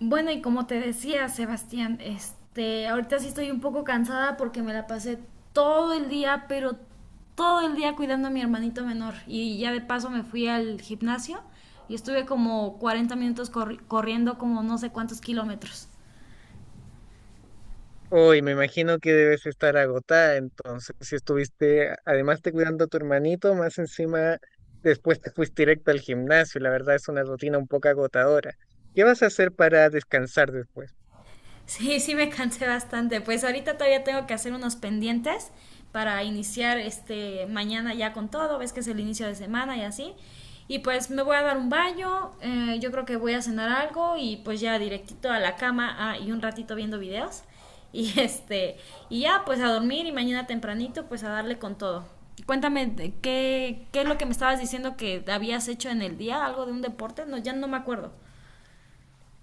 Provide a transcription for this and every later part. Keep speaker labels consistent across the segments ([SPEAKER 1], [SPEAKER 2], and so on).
[SPEAKER 1] Bueno, y como te decía, Sebastián, ahorita sí estoy un poco cansada porque me la pasé todo el día, pero todo el día cuidando a mi hermanito menor. Y ya de paso me fui al gimnasio y estuve como 40 minutos corriendo como no sé cuántos kilómetros.
[SPEAKER 2] Uy, me imagino que debes estar agotada, entonces, si estuviste, además de cuidando a tu hermanito, más encima después te fuiste directo al gimnasio, la verdad es una rutina un poco agotadora. ¿Qué vas a hacer para descansar después?
[SPEAKER 1] Sí, sí me cansé bastante. Pues ahorita todavía tengo que hacer unos pendientes para iniciar mañana ya con todo, ves que es el inicio de semana y así. Y pues me voy a dar un baño, yo creo que voy a cenar algo y pues ya directito a la cama, y un ratito viendo videos. Y este, y ya pues a dormir y mañana tempranito pues a darle con todo. Cuéntame, ¿de ¿qué es lo que me estabas diciendo que habías hecho en el día? ¿Algo de un deporte? No, ya no me acuerdo.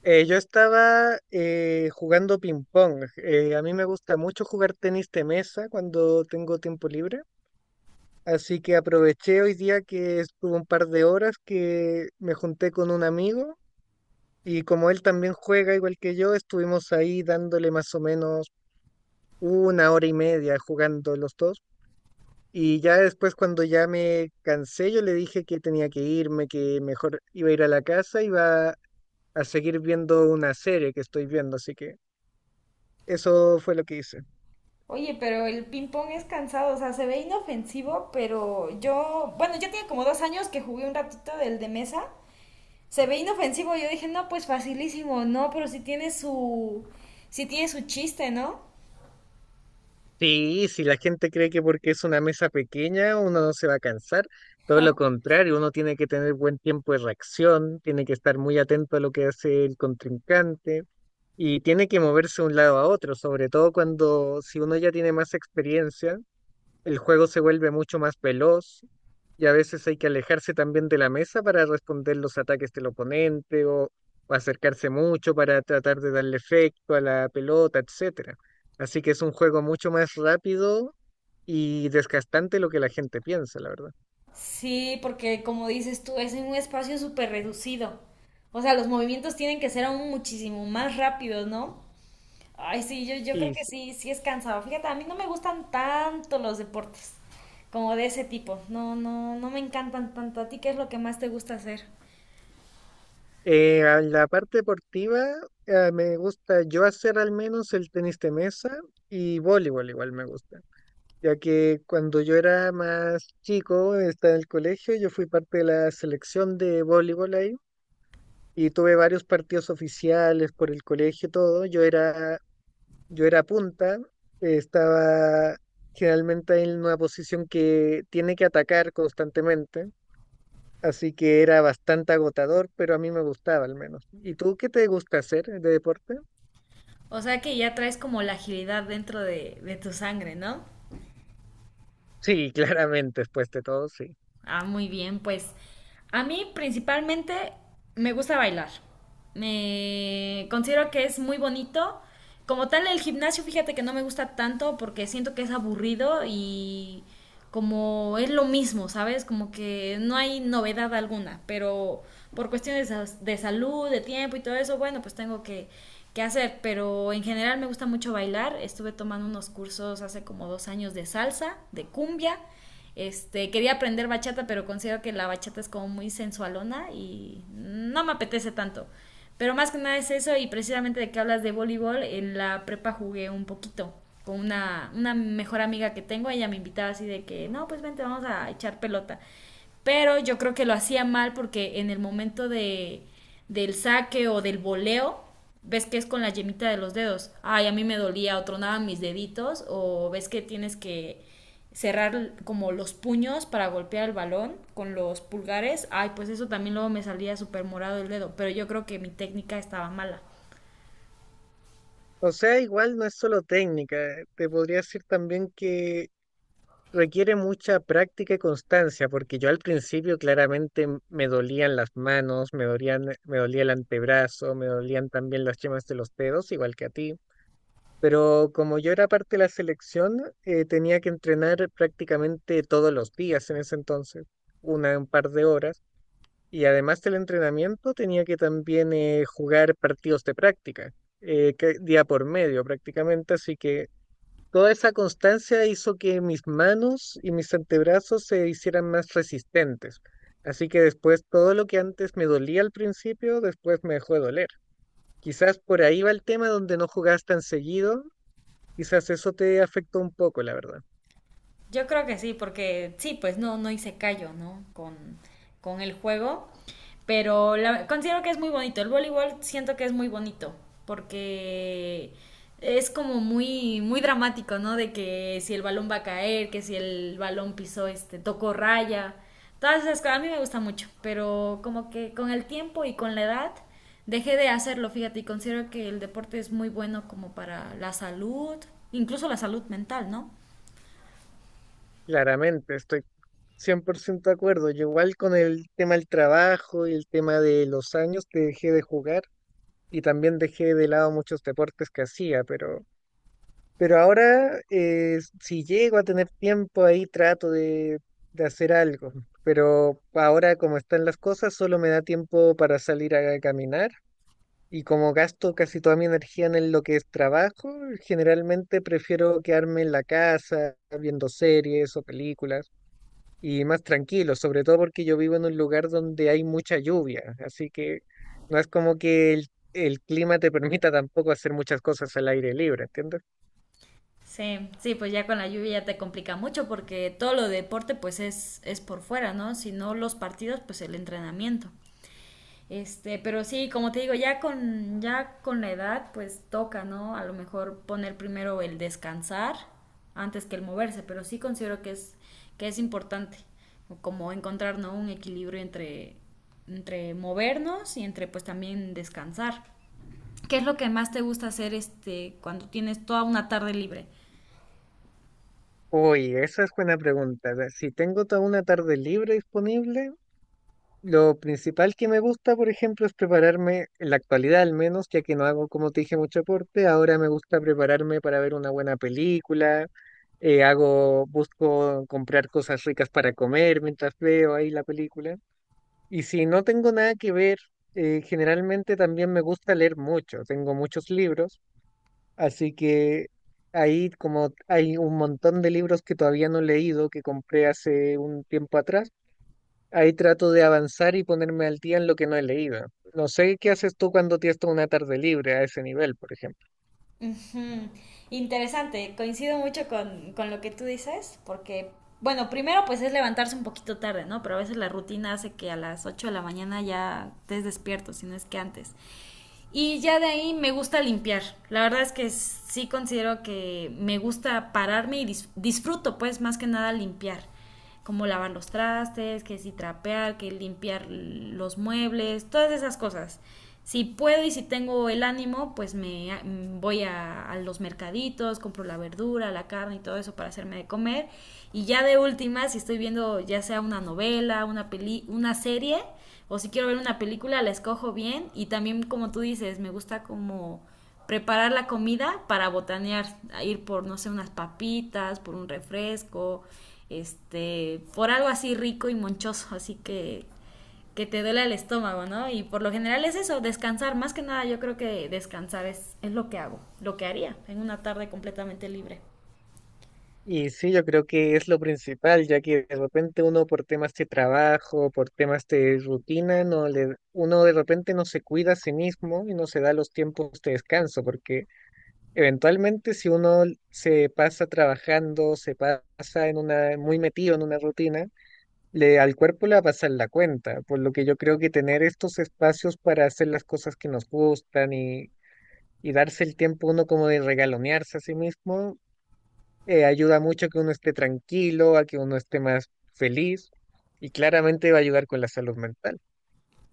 [SPEAKER 2] Yo estaba jugando ping-pong. A mí me gusta mucho jugar tenis de mesa cuando tengo tiempo libre, así que aproveché hoy día que estuve un par de horas que me junté con un amigo. Y como él también juega igual que yo, estuvimos ahí dándole más o menos una hora y media jugando los dos. Y ya después cuando ya me cansé, yo le dije que tenía que irme, que mejor iba a ir a la casa, iba a seguir viendo una serie que estoy viendo. Así que eso fue lo que hice.
[SPEAKER 1] Oye, pero el ping pong es cansado, o sea, se ve inofensivo, pero yo, bueno, yo tenía como 2 años que jugué un ratito del de mesa, se ve inofensivo, yo dije, no, pues facilísimo, no, pero sí tiene su chiste, ¿no?
[SPEAKER 2] Sí, si la gente cree que porque es una mesa pequeña uno no se va a cansar, todo lo contrario, uno tiene que tener buen tiempo de reacción, tiene que estar muy atento a lo que hace el contrincante y tiene que moverse de un lado a otro, sobre todo cuando si uno ya tiene más experiencia. El juego se vuelve mucho más veloz y a veces hay que alejarse también de la mesa para responder los ataques del oponente o acercarse mucho para tratar de darle efecto a la pelota, etcétera. Así que es un juego mucho más rápido y desgastante lo que la gente piensa, la verdad.
[SPEAKER 1] Sí, porque como dices tú, es en un espacio súper reducido, o sea, los movimientos tienen que ser aún muchísimo más rápidos, ¿no? Ay, sí, yo creo
[SPEAKER 2] Y
[SPEAKER 1] que
[SPEAKER 2] sí,
[SPEAKER 1] sí, sí es cansado. Fíjate, a mí no me gustan tanto los deportes como de ese tipo. No, no, no me encantan tanto. ¿A ti qué es lo que más te gusta hacer?
[SPEAKER 2] a la parte deportiva me gusta yo hacer al menos el tenis de mesa y voleibol igual me gusta. Ya que cuando yo era más chico, estaba en el colegio, yo fui parte de la selección de voleibol ahí y tuve varios partidos oficiales por el colegio y todo. Yo era punta, estaba generalmente en una posición que tiene que atacar constantemente, así que era bastante agotador, pero a mí me gustaba al menos. ¿Y tú qué te gusta hacer de deporte?
[SPEAKER 1] O sea que ya traes como la agilidad dentro de tu sangre, ¿no?
[SPEAKER 2] Sí, claramente, después de todo, sí.
[SPEAKER 1] Ah, muy bien, pues a mí principalmente me gusta bailar. Me considero que es muy bonito. Como tal, el gimnasio, fíjate que no me gusta tanto porque siento que es aburrido y como es lo mismo, ¿sabes? Como que no hay novedad alguna, pero por cuestiones de salud, de tiempo y todo eso, bueno, pues tengo que hacer. Pero en general me gusta mucho bailar. Estuve tomando unos cursos hace como 2 años de salsa, de cumbia quería aprender bachata, pero considero que la bachata es como muy sensualona y no me apetece tanto. Pero más que nada es eso y precisamente de que hablas de voleibol, en la prepa jugué un poquito con una mejor amiga que tengo, ella me invitaba así de que, no, pues vente, vamos a echar pelota. Pero yo creo que lo hacía mal porque en el momento del saque o del voleo, ves que es con la yemita de los dedos, ay, a mí me dolía o tronaban mis deditos, o ves que tienes que cerrar como los puños para golpear el balón con los pulgares, ay, pues eso también luego me salía súper morado el dedo, pero yo creo que mi técnica estaba mala.
[SPEAKER 2] O sea, igual no es solo técnica, te podría decir también que requiere mucha práctica y constancia, porque yo al principio claramente me dolían las manos, me dolían, me dolía el antebrazo, me dolían también las yemas de los dedos, igual que a ti. Pero como yo era parte de la selección, tenía que entrenar prácticamente todos los días en ese entonces, un par de horas. Y además del entrenamiento, tenía que también jugar partidos de práctica, día por medio prácticamente, así que toda esa constancia hizo que mis manos y mis antebrazos se hicieran más resistentes. Así que después todo lo que antes me dolía al principio, después me dejó de doler. Quizás por ahí va el tema donde no jugabas tan seguido, quizás eso te afectó un poco, la verdad.
[SPEAKER 1] Yo creo que sí, porque sí, pues no, no hice callo, ¿no? Con el juego. Pero considero que es muy bonito. El voleibol siento que es muy bonito. Porque es como muy, muy dramático, ¿no? De que si el balón va a caer, que si el balón pisó, tocó raya. Todas esas cosas. A mí me gusta mucho. Pero como que con el tiempo y con la edad dejé de hacerlo, fíjate. Y considero que el deporte es muy bueno como para la salud, incluso la salud mental, ¿no?
[SPEAKER 2] Claramente, estoy 100% de acuerdo. Yo igual con el tema del trabajo y el tema de los años que dejé de jugar y también dejé de lado muchos deportes que hacía, pero pero ahora, si llego a tener tiempo ahí, trato de hacer algo. Pero ahora, como están las cosas, solo me da tiempo para salir a caminar. Y como gasto casi toda mi energía en lo que es trabajo, generalmente prefiero quedarme en la casa viendo series o películas y más tranquilo, sobre todo porque yo vivo en un lugar donde hay mucha lluvia. Así que no es como que el clima te permita tampoco hacer muchas cosas al aire libre, ¿entiendes?
[SPEAKER 1] Sí, sí, pues ya con la lluvia ya te complica mucho porque todo lo de deporte pues es por fuera, ¿no? Si no los partidos, pues el entrenamiento. Pero sí, como te digo, ya con la edad pues toca, ¿no? A lo mejor poner primero el descansar antes que el moverse, pero sí considero que es importante como encontrar, ¿no? Un equilibrio entre movernos y entre pues también descansar. ¿Qué es lo que más te gusta hacer cuando tienes toda una tarde libre?
[SPEAKER 2] Uy, esa es buena pregunta. Ve, si tengo toda una tarde libre disponible, lo principal que me gusta, por ejemplo, es prepararme, en la actualidad al menos, ya que no hago, como te dije, mucho deporte, ahora me gusta prepararme para ver una buena película, hago, busco comprar cosas ricas para comer mientras veo ahí la película. Y si no tengo nada que ver, generalmente también me gusta leer mucho, tengo muchos libros. Así que ahí como hay un montón de libros que todavía no he leído, que compré hace un tiempo atrás, ahí trato de avanzar y ponerme al día en lo que no he leído. No sé qué haces tú cuando tienes toda una tarde libre a ese nivel, por ejemplo.
[SPEAKER 1] Ujú. Interesante, coincido mucho con lo que tú dices, porque, bueno, primero pues es levantarse un poquito tarde, ¿no? Pero a veces la rutina hace que a las 8 de la mañana ya estés despierto, si no es que antes. Y ya de ahí me gusta limpiar. La verdad es que sí considero que me gusta pararme y disfruto pues más que nada limpiar como lavar los trastes, que si trapear, que limpiar los muebles, todas esas cosas. Si puedo y si tengo el ánimo, pues me voy a los mercaditos, compro la verdura, la carne y todo eso para hacerme de comer. Y ya de última, si estoy viendo ya sea una novela, una serie, o si quiero ver una película, la escojo bien. Y también, como tú dices, me gusta como preparar la comida para botanear, ir por, no sé, unas papitas, por un refresco, por algo así rico y monchoso, así que te duele el estómago, ¿no? Y por lo general es eso, descansar, más que nada yo creo que descansar es lo que hago, lo que haría en una tarde completamente libre.
[SPEAKER 2] Y sí, yo creo que es lo principal, ya que de repente uno por temas de trabajo, por temas de rutina, no le, uno de repente no se cuida a sí mismo y no se da los tiempos de descanso, porque eventualmente, si uno se pasa trabajando, se pasa en una, muy metido en una rutina, le, al cuerpo le va a pasar la cuenta, por lo que yo creo que tener estos espacios para hacer las cosas que nos gustan y darse el tiempo uno como de regalonearse a sí mismo, ayuda mucho a que uno esté tranquilo, a que uno esté más feliz y claramente va a ayudar con la salud mental.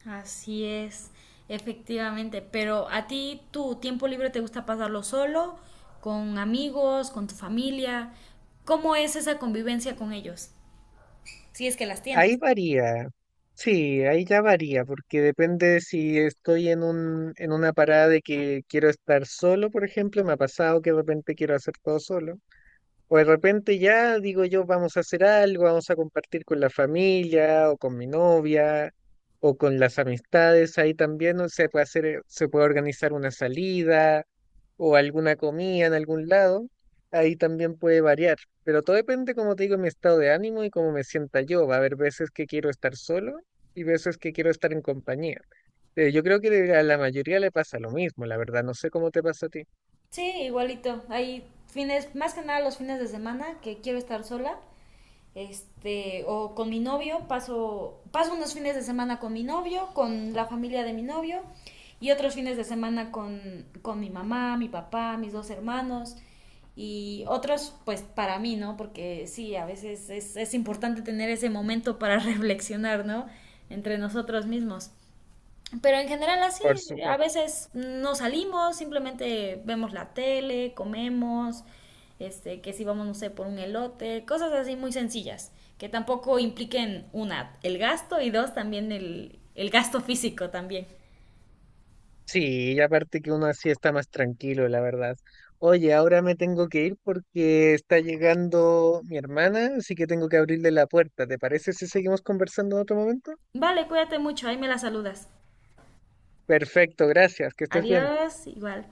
[SPEAKER 1] Así es, efectivamente, pero a ti tu tiempo libre te gusta pasarlo solo, con amigos, con tu familia, ¿cómo es esa convivencia con ellos? Si es que las
[SPEAKER 2] Ahí
[SPEAKER 1] tienes.
[SPEAKER 2] varía, sí, ahí ya varía, porque depende de si estoy en una parada de que quiero estar solo, por ejemplo, me ha pasado que de repente quiero hacer todo solo. O de repente ya digo yo, vamos a hacer algo, vamos a compartir con la familia o con mi novia o con las amistades. Ahí también, ¿no?, se puede hacer, se puede organizar una salida o alguna comida en algún lado. Ahí también puede variar. Pero todo depende, como te digo, de mi estado de ánimo y cómo me sienta yo. Va a haber veces que quiero estar solo y veces que quiero estar en compañía. Yo creo que a la mayoría le pasa lo mismo, la verdad. No sé cómo te pasa a ti.
[SPEAKER 1] Sí, igualito. Hay fines, más que nada los fines de semana que quiero estar sola. O con mi novio, paso unos fines de semana con mi novio, con la familia de mi novio, y otros fines de semana con mi mamá, mi papá, mis dos hermanos, y otros pues para mí, ¿no? Porque sí, a veces es importante tener ese momento para reflexionar, ¿no? Entre nosotros mismos. Pero en general así,
[SPEAKER 2] Por
[SPEAKER 1] a
[SPEAKER 2] supuesto.
[SPEAKER 1] veces no salimos, simplemente vemos la tele, comemos, que si vamos, no sé, por un elote, cosas así muy sencillas, que tampoco impliquen, una, el gasto y dos, también el gasto físico también.
[SPEAKER 2] Sí, y aparte que uno así está más tranquilo, la verdad. Oye, ahora me tengo que ir porque está llegando mi hermana, así que tengo que abrirle la puerta. ¿Te parece si seguimos conversando en otro momento?
[SPEAKER 1] Vale, cuídate mucho, ahí me la saludas.
[SPEAKER 2] Perfecto, gracias, que estés bien.
[SPEAKER 1] Adiós, igual.